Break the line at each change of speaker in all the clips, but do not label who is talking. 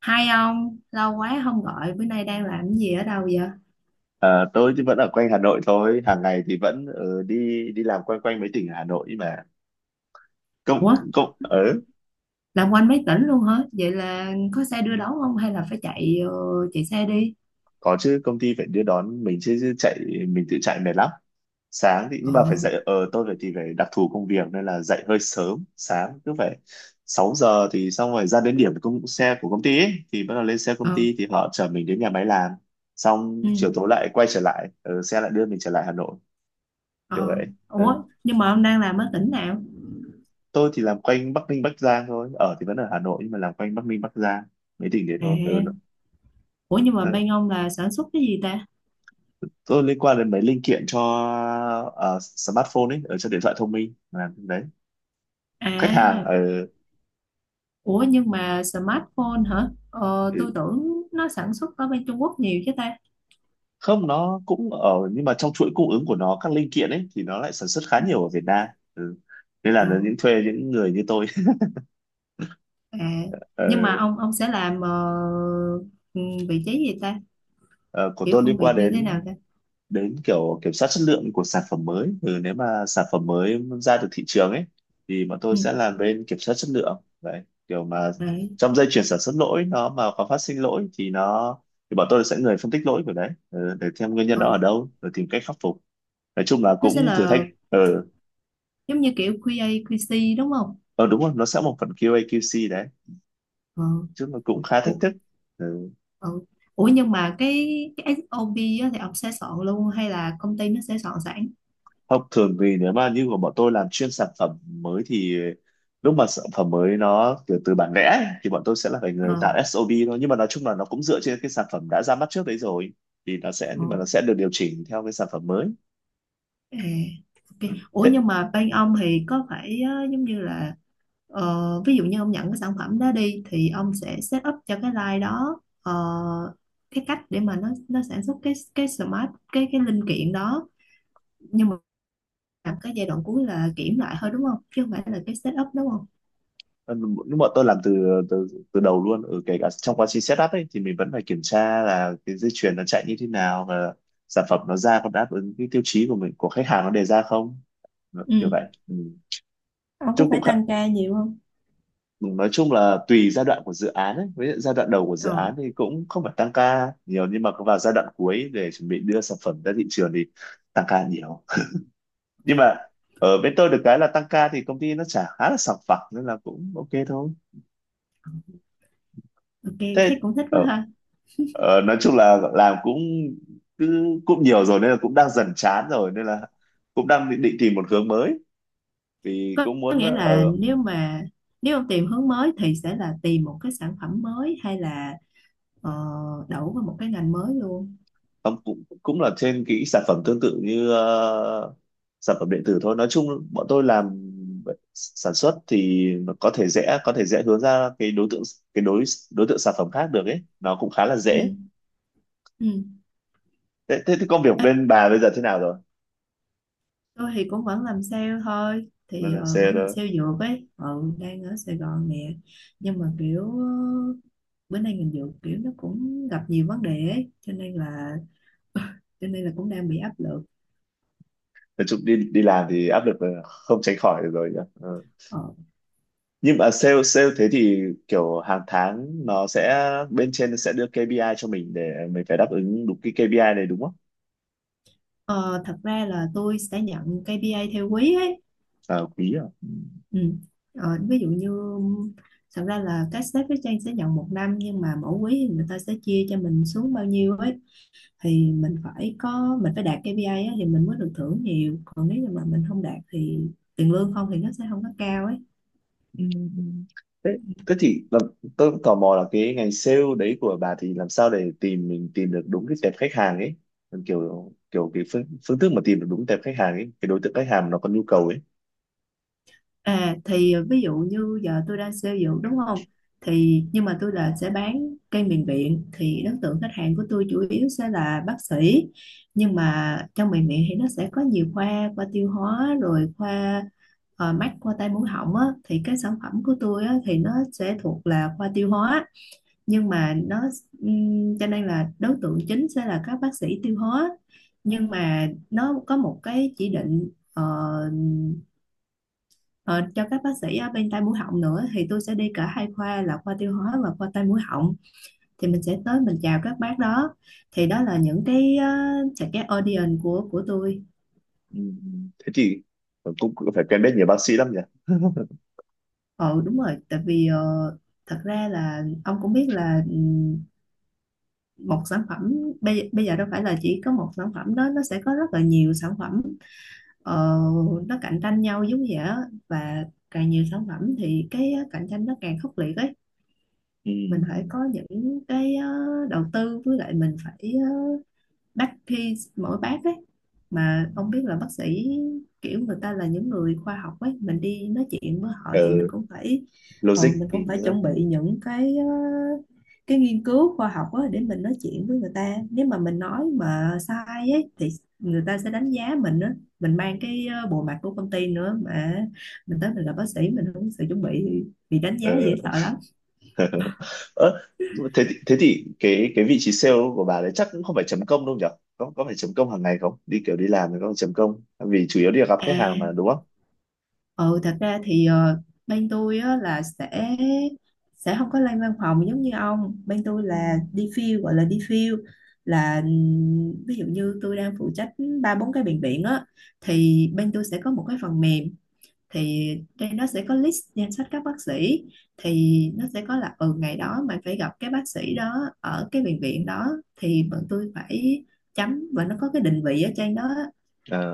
Hai ông, lâu quá không gọi, bữa nay đang làm cái gì ở đâu vậy?
Tôi thì vẫn ở quanh Hà Nội thôi, hàng ngày thì vẫn đi đi làm quanh quanh mấy tỉnh ở Hà Nội mà. Công
Ủa,
công ở
làm quanh mấy tỉnh luôn hả? Vậy là có xe đưa đón không hay là phải chạy xe đi?
Có chứ, công ty phải đưa đón mình chứ, chứ chạy mình tự chạy mệt lắm. Sáng thì
Ờ,
nhưng mà phải dậy, ờ tôi phải thì phải đặc thù công việc nên là dậy hơi sớm, sáng cứ phải 6 giờ thì xong, rồi ra đến điểm công xe của công ty ấy, thì bắt đầu lên xe công
ờ,
ty thì họ chở mình đến nhà máy làm.
ừ,
Xong chiều tối lại quay trở lại, xe lại đưa mình trở lại Hà Nội kiểu
ờ.
vậy. Ờ.
Ủa, nhưng mà ông đang làm ở tỉnh nào?
Tôi thì làm quanh Bắc Ninh Bắc Giang thôi, ở thì vẫn ở Hà Nội nhưng mà làm quanh Bắc Ninh Bắc Giang mấy tỉnh đấy thôi, ừ,
À, ủa nhưng mà
ờ,
bên ông là sản xuất cái gì ta?
tôi liên quan đến mấy linh kiện cho smartphone ấy, ở cho điện thoại thông minh, làm cái đấy khách hàng.
À,
Ờ,
ủa nhưng mà smartphone hả? Ờ, tôi
ừ,
tưởng nó sản xuất ở bên Trung Quốc nhiều chứ ta.
không, nó cũng ở nhưng mà trong chuỗi cung ứng của nó các linh kiện ấy thì nó lại sản xuất khá nhiều ở Việt Nam, ừ, nên là
Ừ.
nó những thuê những người như tôi.
À,
Ờ,
nhưng mà ông sẽ làm ừ, vị trí gì ta?
ờ, của
Kiểu
tôi
công
liên
việc
quan
như thế nào
đến,
ta?
đến kiểu kiểm soát chất lượng của sản phẩm mới. Ừ, nếu mà sản phẩm mới ra được thị trường ấy thì bọn tôi
Ừ,
sẽ làm bên kiểm soát chất lượng đấy, kiểu mà
đấy.
trong dây chuyền sản xuất lỗi, nó mà có phát sinh lỗi thì nó, thì bọn tôi sẽ người phân tích lỗi của đấy, ừ, để xem nguyên nhân đó ở
Ờ,
đâu rồi tìm cách khắc phục, nói chung là
nó
cũng
sẽ
thử thách.
là
Ờ ừ,
giống như kiểu QA, QC đúng không?
ờ đúng rồi, nó sẽ một phần QA QC đấy,
Ờ,
chứ nó cũng khá thách
ủa,
thức, ừ.
ờ. Ủa nhưng mà cái SOP á, thì ông sẽ soạn luôn hay là công ty nó sẽ soạn sẵn?
Không, thường thì nếu mà như của bọn tôi làm chuyên sản phẩm mới thì lúc mà sản phẩm mới nó kiểu từ bản vẽ ấy, thì bọn tôi sẽ là phải người
Ờ,
tạo SOP thôi, nhưng mà nói chung là nó cũng dựa trên cái sản phẩm đã ra mắt trước đấy rồi, thì nó sẽ
ờ,
nhưng mà nó sẽ được điều chỉnh theo cái sản phẩm mới.
à, ok.
Ừ.
Ủa
thế
nhưng mà bên ông thì có phải giống như là ví dụ như ông nhận cái sản phẩm đó đi thì ông sẽ set up cho cái line đó, cái cách để mà nó sản xuất cái smart cái linh kiện đó, nhưng làm cái giai đoạn cuối là kiểm lại thôi đúng không, chứ không phải là cái setup đúng không?
ờ, Lúc bọn tôi làm từ từ từ đầu luôn, ở kể cả trong quá trình setup ấy thì mình vẫn phải kiểm tra là cái dây chuyền nó chạy như thế nào và sản phẩm nó ra có đáp ứng cái tiêu chí của mình, của khách hàng nó đề ra không. Ừ, kiểu
Ừ,
vậy, ừ.
ông có
Chung cũng
phải
khá,
tăng ca nhiều không?
nói chung là tùy giai đoạn của dự án ấy. Với giai đoạn đầu của dự
Ờ,
án thì cũng không phải tăng ca nhiều nhưng mà vào giai đoạn cuối để chuẩn bị đưa sản phẩm ra thị trường thì tăng ca nhiều, nhưng mà ở bên tôi được cái là tăng ca thì công ty nó trả khá là sòng phẳng nên là cũng ok thôi.
ok.
thế
Thấy cũng thích quá
ờ,
ha.
nói chung là làm cũng cứ cũng nhiều rồi nên là cũng đang dần chán rồi nên là cũng đang định, định tìm một hướng mới vì
có,
cũng
có
muốn
nghĩa là
ở.
nếu mà ông tìm hướng mới thì sẽ là tìm một cái sản phẩm mới hay là ờ, đậu vào một cái ngành mới luôn?
Không, cũng cũng là trên cái sản phẩm tương tự như sản phẩm điện tử thôi, nói chung bọn tôi làm sản xuất thì nó có thể dễ, có thể dễ hướng ra cái đối tượng, cái đối đối tượng sản phẩm khác được ấy, nó cũng khá là dễ.
Ừ, ừ.
Thế, công việc
Ê,
bên bà bây giờ thế nào rồi?
tôi thì cũng vẫn làm sale thôi
Bà
thì
làm sale
vẫn làm
đó.
sale dược ấy, ừ, đang ở Sài Gòn nè.
Ừ.
Nhưng mà kiểu bữa nay ngành dược kiểu nó cũng gặp nhiều vấn đề ấy, cho nên là cũng đang bị áp lực.
Nói chung đi đi làm thì áp lực là không tránh khỏi được rồi nhỉ? Ừ.
ờ,
Nhưng mà sale sale thế thì kiểu hàng tháng nó sẽ bên trên nó sẽ đưa KPI cho mình để mình phải đáp ứng đúng cái KPI này đúng không?
Ờ, Thật ra là tôi sẽ nhận KPI theo quý ấy,
À, quý à. Ừ.
ừ. Ờ, ví dụ như thật ra là các sếp với Trang sẽ nhận một năm nhưng mà mỗi quý thì người ta sẽ chia cho mình xuống bao nhiêu ấy, thì mình phải đạt KPI ấy, thì mình mới được thưởng nhiều, còn nếu như mà mình không đạt thì tiền lương không thì nó sẽ không có cao ấy.
Ừ, ừ. Thế, thế thì là, tôi cũng tò mò là cái ngành sale đấy của bà thì làm sao để mình tìm được đúng cái tệp khách hàng ấy, còn kiểu kiểu cái phương, thức mà tìm được đúng tệp khách hàng ấy, cái đối tượng khách hàng nó có nhu cầu ấy.
À thì ví dụ như giờ tôi đang xây dược đúng không? Thì nhưng mà tôi là sẽ bán cây miền viện thì đối tượng khách hàng của tôi chủ yếu sẽ là bác sĩ. Nhưng mà trong miền viện thì nó sẽ có nhiều khoa, khoa tiêu hóa rồi khoa mắt, khoa tai mũi họng á thì cái sản phẩm của tôi á thì nó sẽ thuộc là khoa tiêu hóa. Nhưng mà nó cho nên là đối tượng chính sẽ là các bác sĩ tiêu hóa. Nhưng mà nó có một cái chỉ định Ờ, cho các bác sĩ ở bên tai mũi họng nữa thì tôi sẽ đi cả hai khoa là khoa tiêu hóa và khoa tai mũi họng, thì mình sẽ tới mình chào các bác đó, thì đó là những cái sẽ cái audience của tôi.
Ừ. Ừ. Thế thì cũng cũng phải quen biết nhiều bác sĩ lắm nhỉ.
Ờ, đúng rồi tại vì thật ra là ông cũng biết là một sản phẩm, bây giờ đâu phải là chỉ có một sản phẩm đó, nó sẽ có rất là nhiều sản phẩm, ờ, nó cạnh tranh nhau giống vậy á. Và càng nhiều sản phẩm thì cái cạnh tranh nó càng khốc liệt ấy. Mình phải
Ừ.
có những cái đầu tư, với lại mình phải bác khi mỗi bác ấy mà
Ừ.
không biết là bác sĩ, kiểu người ta là những người khoa học ấy, mình đi nói chuyện với họ
Ờ,
thì mình cũng phải ờ,
logic
mình
thì
cũng phải
nữa,
chuẩn
ừ.
bị những cái cái nghiên cứu khoa học á để mình nói chuyện với người ta, nếu mà mình nói mà sai ấy thì người ta sẽ đánh giá mình á, mình mang cái bộ mặt của công ty nữa mà, mình tới mình là bác sĩ mình không có sự chuẩn bị thì bị đánh giá dễ
Ờ.
sợ lắm.
Ơ, thế thì cái vị trí sale của bà đấy chắc cũng không phải chấm công đâu nhỉ, có phải chấm công hàng ngày không, đi kiểu đi làm thì có phải chấm công vì chủ yếu đi gặp khách hàng mà
À.
đúng không?
Ừ, thật ra thì bên tôi á, là sẽ không có lên văn phòng giống như ông. Bên tôi
Ừ.
là đi field gọi là đi field, là ví dụ như tôi đang phụ trách ba bốn cái bệnh viện á, thì bên tôi sẽ có một cái phần mềm, thì đây nó sẽ có list danh sách các bác sĩ, thì nó sẽ có là, ừ, ngày đó mày phải gặp cái bác sĩ đó ở cái bệnh viện đó, thì bọn tôi phải chấm và nó có cái định vị ở trên đó,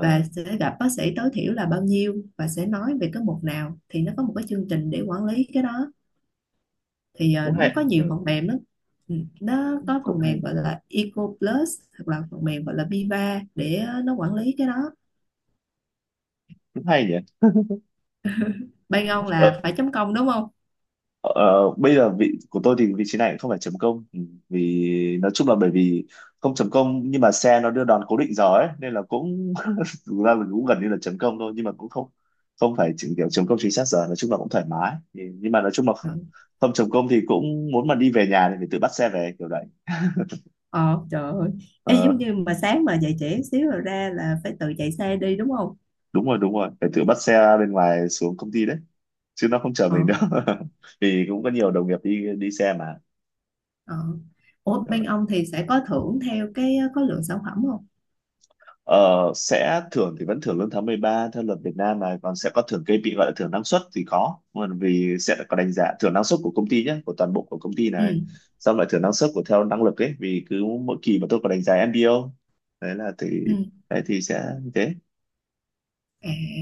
và sẽ gặp bác sĩ tối thiểu là bao nhiêu và sẽ nói về cái mục nào thì nó có một cái chương trình để quản lý cái đó, thì
cũng
nó
hay,
có nhiều
ừ,
phần mềm lắm. Ừ, nó có
cũng
phần
hay,
mềm gọi là Eco Plus, hoặc là phần mềm gọi là Viva để nó quản lý cái đó.
cũng hay nhỉ.
Bay ông
ờ,
là phải chấm công đúng không?
ờ, Bây giờ vị của tôi thì vị trí này cũng không phải chấm công. Ừ, vì nói chung là bởi vì không chấm công nhưng mà xe nó đưa đón cố định giờ ấy nên là cũng thực ra là cũng gần như là chấm công thôi nhưng mà cũng không, không phải chỉ kiểu chấm công chính xác giờ, nói chung là cũng thoải mái. Ừ, nhưng mà nói chung là
Ờ,
không, không chấm công thì cũng muốn mà đi về nhà thì phải tự bắt xe về kiểu đấy.
ờ, trời ơi. Ê,
Ờ,
giống như mà sáng mà dậy trễ xíu rồi ra là phải tự chạy xe đi đúng không?
đúng rồi, đúng rồi, phải tự bắt xe bên ngoài xuống công ty đấy chứ nó không chở
Ờ,
mình đâu. Vì cũng có nhiều đồng nghiệp đi đi xe mà.
ờ. Ủa bên ông thì sẽ có thưởng theo cái có lượng sản phẩm không?
Ờ, sẽ thưởng thì vẫn thưởng lương tháng 13 theo luật Việt Nam này, còn sẽ có thưởng cây bị gọi là thưởng năng suất thì có, còn vì sẽ có đánh giá thưởng năng suất của công ty nhé, của toàn bộ của công ty này,
Ừ,
xong lại thưởng năng suất của theo năng lực ấy, vì cứ mỗi kỳ mà tôi có đánh giá MBO đấy là thì
ừ,
đấy, thì sẽ như thế.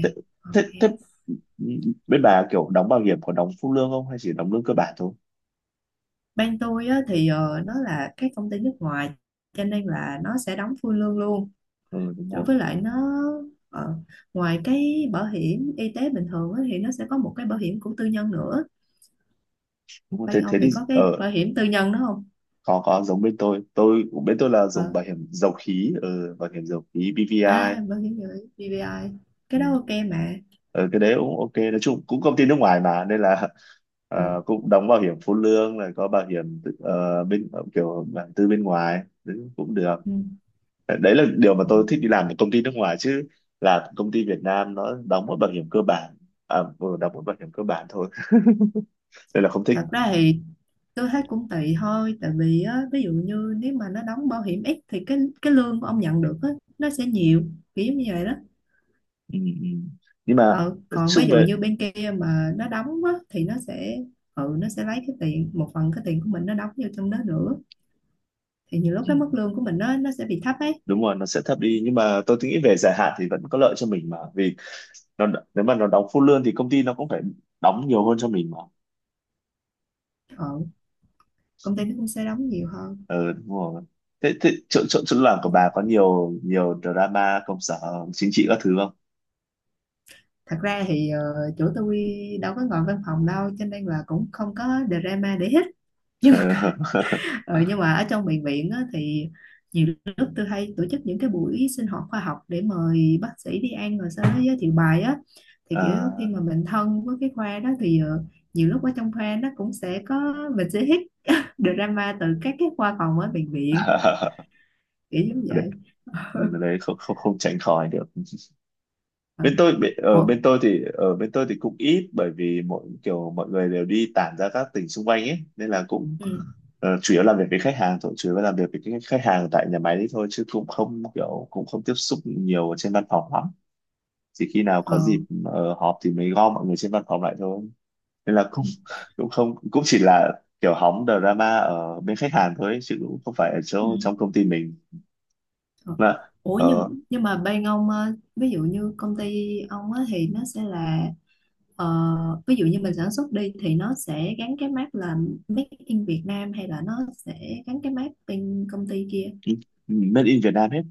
Thế, thế,
ok.
thế bên bà kiểu đóng bảo hiểm có đóng phụ lương không hay chỉ đóng lương cơ bản thôi?
Bên tôi á, thì nó là cái công ty nước ngoài, cho nên là nó sẽ đóng full lương luôn.
Ừ, đúng
Rồi
rồi,
với lại nó ờ, ngoài cái bảo hiểm y tế bình thường á, thì nó sẽ có một cái bảo hiểm của tư nhân nữa.
đúng rồi. Thế
Bên
thế
ông
thì
thì có cái
ở
bảo hiểm tư nhân đó không?
Có giống bên tôi, bên tôi là dùng
Ờ,
bảo hiểm dầu khí, ừ, bảo hiểm dầu khí BVI.
à, bảo hiểm BBI, cái đó ok mà.
Ừ, cái đấy cũng ok, nói chung cũng công ty nước ngoài mà nên là
Ờ,
cũng đóng bảo hiểm phụ lương rồi, có bảo hiểm tự- bên kiểu bản tư bên ngoài đấy cũng được.
ừ.
Đấy là điều mà
Ờ,
tôi thích đi làm ở công ty nước ngoài, chứ là công ty Việt Nam nó đóng một bảo hiểm cơ bản, à, vừa đóng một bảo hiểm cơ bản thôi, nên là không thích.
thật ra thì tôi thấy cũng tùy thôi tại vì á, ví dụ như nếu mà nó đóng bảo hiểm ít thì cái lương của ông nhận được á, nó sẽ nhiều kiểu như vậy đó.
Ừ, ừ. Nhưng mà
Ờ,
nói
còn ví
chung
dụ
về,
như bên kia mà nó đóng á, thì nó sẽ lấy cái tiền, một phần cái tiền của mình nó đóng vô trong đó nữa, thì nhiều lúc
ừ,
cái mức lương của mình nó sẽ bị thấp ấy.
đúng rồi, nó sẽ thấp đi nhưng mà tôi nghĩ về dài hạn thì vẫn có lợi cho mình mà, vì nó, nếu mà nó đóng full lương thì công ty nó cũng phải đóng nhiều hơn cho mình mà.
ờ, Công ty nó cũng sẽ đóng nhiều hơn.
Ừ, đúng rồi. Thế, thế chỗ, chỗ chỗ làm của bà có nhiều nhiều drama công sở chính trị các thứ không?
Thật ra thì chỗ tôi đâu có ngồi văn phòng đâu, cho nên là cũng không có drama để hết. Ờ, nhưng mà ở trong bệnh viện á, thì nhiều lúc tôi hay tổ chức những cái buổi sinh hoạt khoa học để mời bác sĩ đi ăn rồi sau đó giới thiệu bài á, thì kiểu khi
À,
mà mình thân với cái khoa đó thì nhiều lúc ở trong khoa nó cũng sẽ có, mình sẽ hít drama từ các cái khoa phòng ở bệnh viện, kiểu giống
đấy,
vậy.
đấy không, không tránh khỏi được.
Ừ.
Bên tôi, bên,
Ủa?
ở bên tôi thì cũng ít bởi vì mọi người đều đi tản ra các tỉnh xung quanh ấy nên là cũng
Ừ.
chủ yếu làm việc với khách hàng thôi, chủ yếu làm việc với cái khách hàng tại nhà máy đấy thôi, chứ cũng không kiểu cũng không tiếp xúc nhiều ở trên văn phòng lắm, chỉ khi nào
Ờ.
có dịp họp thì mới gom mọi người trên văn phòng lại thôi, nên là cũng cũng không, cũng chỉ là kiểu hóng drama ở bên khách hàng thôi ấy, chứ cũng không phải ở
Ừ.
chỗ trong công ty mình.
Ờ.
Là
Ủa
ở
nhưng mà bên ông ví dụ như công ty ông á thì nó sẽ là, ờ, ví dụ như mình sản xuất đi thì nó sẽ gắn cái mác là Made in Việt Nam hay là nó sẽ gắn cái mác bên công ty kia
made in Việt Nam hết,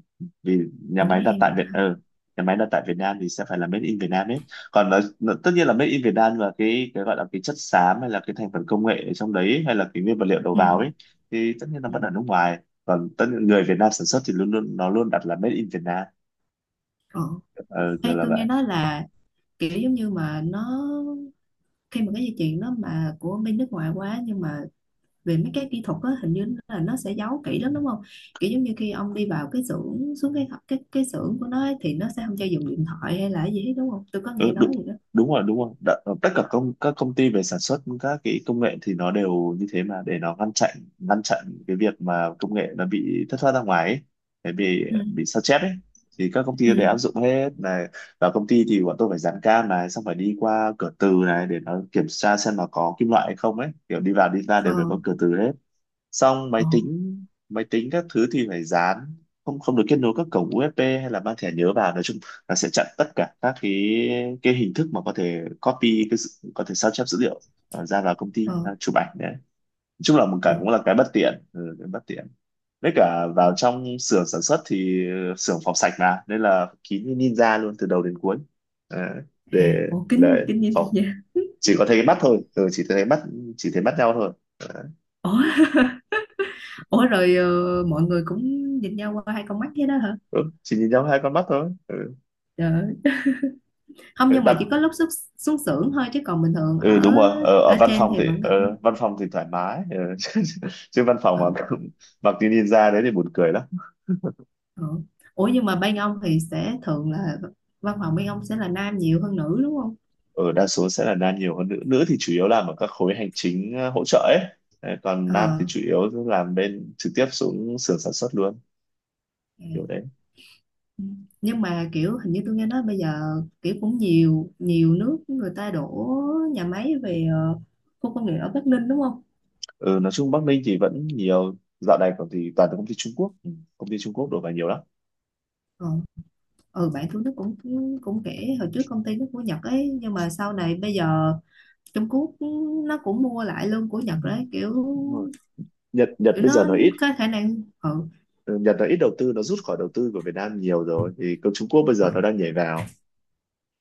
vì nhà
của
máy
Made
đặt
in
tại
Việt Nam.
Nhà máy đặt tại Việt Nam thì sẽ phải là made in Việt Nam hết, còn tất nhiên là made in Việt Nam, và cái gọi là cái chất xám hay là cái thành phần công nghệ ở trong đấy hay là cái nguyên vật liệu đầu vào ấy
Ừ.
thì tất nhiên là
Ừ.
vẫn ở nước ngoài, còn tất nhiên người Việt Nam sản xuất thì luôn luôn nó luôn đặt là made in Việt Nam.
Ờ.
Ừ, kiểu
Hay
là
tôi nghe
vậy.
nói là kiểu giống như mà nó, khi mà cái dây chuyền nó mà của bên nước ngoài quá nhưng mà về mấy cái kỹ thuật á hình như là nó sẽ giấu kỹ lắm đúng không, kiểu giống như khi ông đi vào cái xưởng, xuống cái xưởng của nó ấy, thì nó sẽ không cho dùng điện thoại hay là cái gì hết đúng không, tôi có nghe
Ừ,
nói
đúng,
gì đó.
đúng rồi, đúng rồi. Đã, tất cả công các công ty về sản xuất các cái công nghệ thì nó đều như thế mà, để nó ngăn chặn, ngăn chặn cái việc mà công nghệ nó bị thất thoát ra ngoài ấy, để bị
Ừ.
bị sao chép ấy, thì các công
Ừ.
ty đều áp dụng hết này. Và công ty thì bọn tôi phải dán cam này, xong phải đi qua cửa từ này để nó kiểm tra xem là có kim loại hay không ấy, kiểu đi vào đi ra đều phải
Ờ,
có cửa từ hết. Xong máy
ờ,
tính máy tính các thứ thì phải dán, không không được kết nối các cổng USB hay là mang thẻ nhớ vào. Nói chung là sẽ chặn tất cả các cái hình thức mà có thể copy có thể sao chép dữ liệu, ra vào công ty,
ờ,
à, chụp ảnh đấy. Nói chung là một
ờ,
cái cũng là cái bất tiện, ừ, cái bất tiện. Với cả
ờ.
vào trong xưởng sản xuất thì xưởng phòng sạch mà nên là kín như ninja luôn từ đầu đến cuối. Đấy,
À,
để
ủa
để
kính kính nhìn
phòng
vậy.
chỉ có thấy cái mắt thôi, ừ, chỉ thấy mắt, chỉ thấy mắt nhau thôi. Đấy.
Ủa, ủa rồi mọi người cũng nhìn nhau qua hai con mắt thế đó hả?
Ừ, chỉ nhìn nhau hai con mắt thôi. Ừ.
Trời ơi. Không, nhưng mà
Đặt
chỉ có lúc xuống xưởng thôi chứ còn bình thường
ừ, đúng
ở
rồi ở, ở
ở
văn
trên
phòng
thì
thì
vẫn gặp.
văn phòng thì thoải mái. Ờ. chứ chứ văn phòng
Ờ,
mà cũng mặc cái ninja đấy thì buồn cười lắm.
ờ. Ủa nhưng mà bên ông thì sẽ thường là văn phòng bên ông sẽ là nam nhiều hơn nữ đúng không?
Ở đa số sẽ là nam nhiều hơn nữ, nữ thì chủ yếu làm ở các khối hành chính, hỗ trợ ấy. Đấy, còn nam
Ờ.
thì chủ yếu làm bên trực tiếp xuống xưởng sản xuất luôn, kiểu
Dạ.
đấy.
Ừ. Nhưng mà kiểu hình như tôi nghe nói bây giờ kiểu cũng nhiều nhiều nước người ta đổ nhà máy về khu công nghiệp ở Bắc Ninh đúng không?
Ừ, nói chung Bắc Ninh thì vẫn nhiều, dạo này còn thì toàn là công ty Trung Quốc, ừ, công ty Trung Quốc đổ vào nhiều lắm.
Ờ. Ừ, bạn Thu Đức cũng cũng kể hồi trước công ty nó của Nhật ấy, nhưng mà sau này bây giờ Trung Quốc nó cũng mua lại luôn của Nhật đấy, kiểu
Đúng rồi. Nhật Nhật
kiểu
bây giờ
nó
nó ít.
có khả năng,
Ừ, Nhật nó ít đầu tư, nó rút khỏi đầu tư của Việt Nam nhiều rồi, thì công Trung Quốc bây
ừ,
giờ nó đang nhảy vào.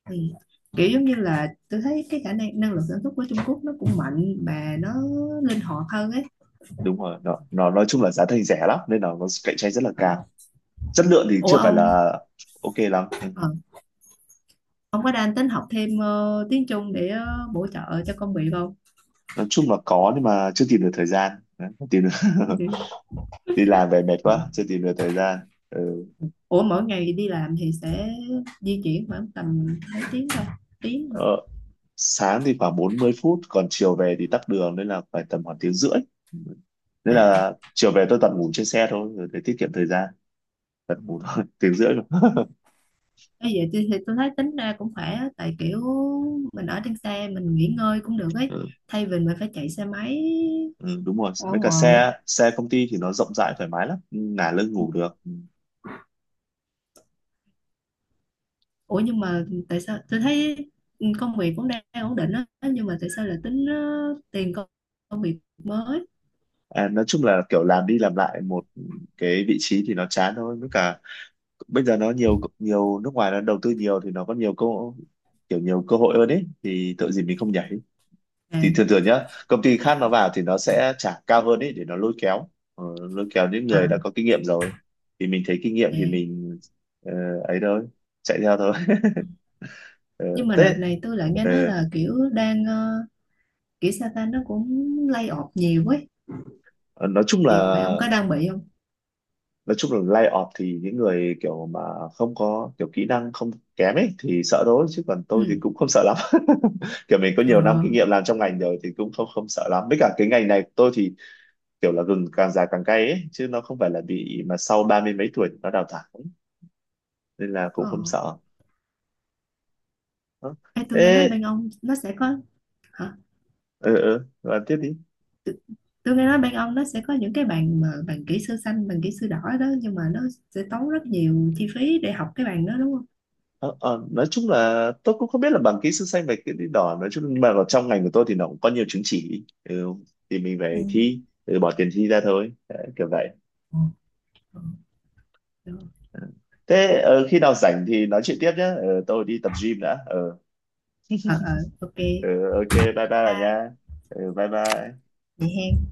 thì kiểu giống như là tôi thấy cái khả năng năng lực sản xuất của Trung Quốc nó cũng mạnh mà nó linh hoạt hơn ấy.
Đúng rồi nó nói chung là giá thành rẻ lắm nên là nó cạnh tranh rất là
Ừ.
cao. Chất lượng thì
Ủa
chưa phải
ông.
là ok lắm, ừ.
Ừ. Ông có đang tính học thêm tiếng Trung để bổ trợ cho công việc không?
Nói chung là có nhưng mà chưa tìm được thời gian. Đấy, không tìm được. Đi làm về mệt
Ừ.
quá, chưa tìm được thời gian. Ừ.
Ủa mỗi ngày đi làm thì sẽ di chuyển khoảng tầm mấy tiếng thôi? Tiếng hả?
ờ, sáng thì khoảng 40 phút, còn chiều về thì tắc đường nên là phải tầm khoảng tiếng rưỡi. Ừ. Nên
À.
là chiều về tôi toàn ngủ trên xe thôi rồi, để tiết kiệm thời gian. Toàn ngủ thôi. Tiếng rưỡi rồi.
Ê, vậy thì tôi thấy tính ra cũng khỏe á, tại kiểu mình ở trên xe mình nghỉ ngơi cũng được ấy,
Ừ.
thay vì mình phải chạy xe máy
Ừ, đúng rồi
ở
mấy cả
ngoài.
xe xe công ty thì nó rộng rãi thoải mái lắm, ngả lưng ngủ được. Ừ.
Ủa nhưng mà tại sao tôi thấy công việc cũng đang ổn định á nhưng mà tại sao lại tính tiền công, công việc mới?
À, nói chung là kiểu làm đi làm lại một cái vị trí thì nó chán thôi, với cả bây giờ nó nhiều nhiều nước ngoài nó đầu tư nhiều thì nó có nhiều cơ, kiểu nhiều cơ hội hơn ấy, thì tội gì mình không nhảy.
À,
Thì thường thường nhá công ty khác nó
à,
vào thì nó sẽ trả cao hơn ấy để nó lôi kéo, lôi kéo những
à,
người đã có kinh nghiệm rồi, thì mình thấy kinh nghiệm thì
à.
mình ờ, ấy thôi, chạy theo thôi. Ờ,
Nhưng mà đợt
thế
này tôi lại nghe nói là kiểu đang kiểu Satan nó cũng lay off nhiều ấy
ờ, nói chung là
thì phải, ông có đang bị không?
nói chung là lay off thì những người kiểu mà không có kiểu kỹ năng, không kém ấy thì sợ thôi, chứ còn tôi
Ừ.
thì cũng không sợ lắm. Kiểu mình có
Ờ.
nhiều năm kinh nghiệm làm trong ngành rồi thì cũng không không sợ lắm, với cả cái ngành này của tôi thì kiểu là gừng càng già càng cay ấy, chứ nó không phải là bị mà sau ba mươi mấy tuổi nó đào thải, nên là cũng
Ờ.
không sợ. Đó.
Ê, tôi nghe nói
Thế
bên ông nó sẽ có hả?
ừ ừ bạn tiếp đi.
t- tôi nghe nói bên ông nó sẽ có những cái bàn mà bàn kỹ sư xanh bàn kỹ sư đỏ đó, nhưng mà nó sẽ tốn rất nhiều chi phí để học cái bàn đó đúng không?
Ờ, nói chung là tôi cũng không biết là bằng kỹ sư xanh và kỹ sư đỏ, nói chung nhưng mà ở trong ngành của tôi thì nó cũng có nhiều chứng chỉ, ừ, thì mình phải
Ừ.
thi, ừ, bỏ tiền thi ra thôi. Đấy, kiểu vậy.
Ờ, ờ,
Ừ. Thế khi nào rảnh thì nói chuyện tiếp nhé. Ờ, tôi đi tập gym đã. Ờ,
ờ, ờ, ok,
ờ, ok bye bye bà
bye
nha. Ờ, bye bye.
vậy ha.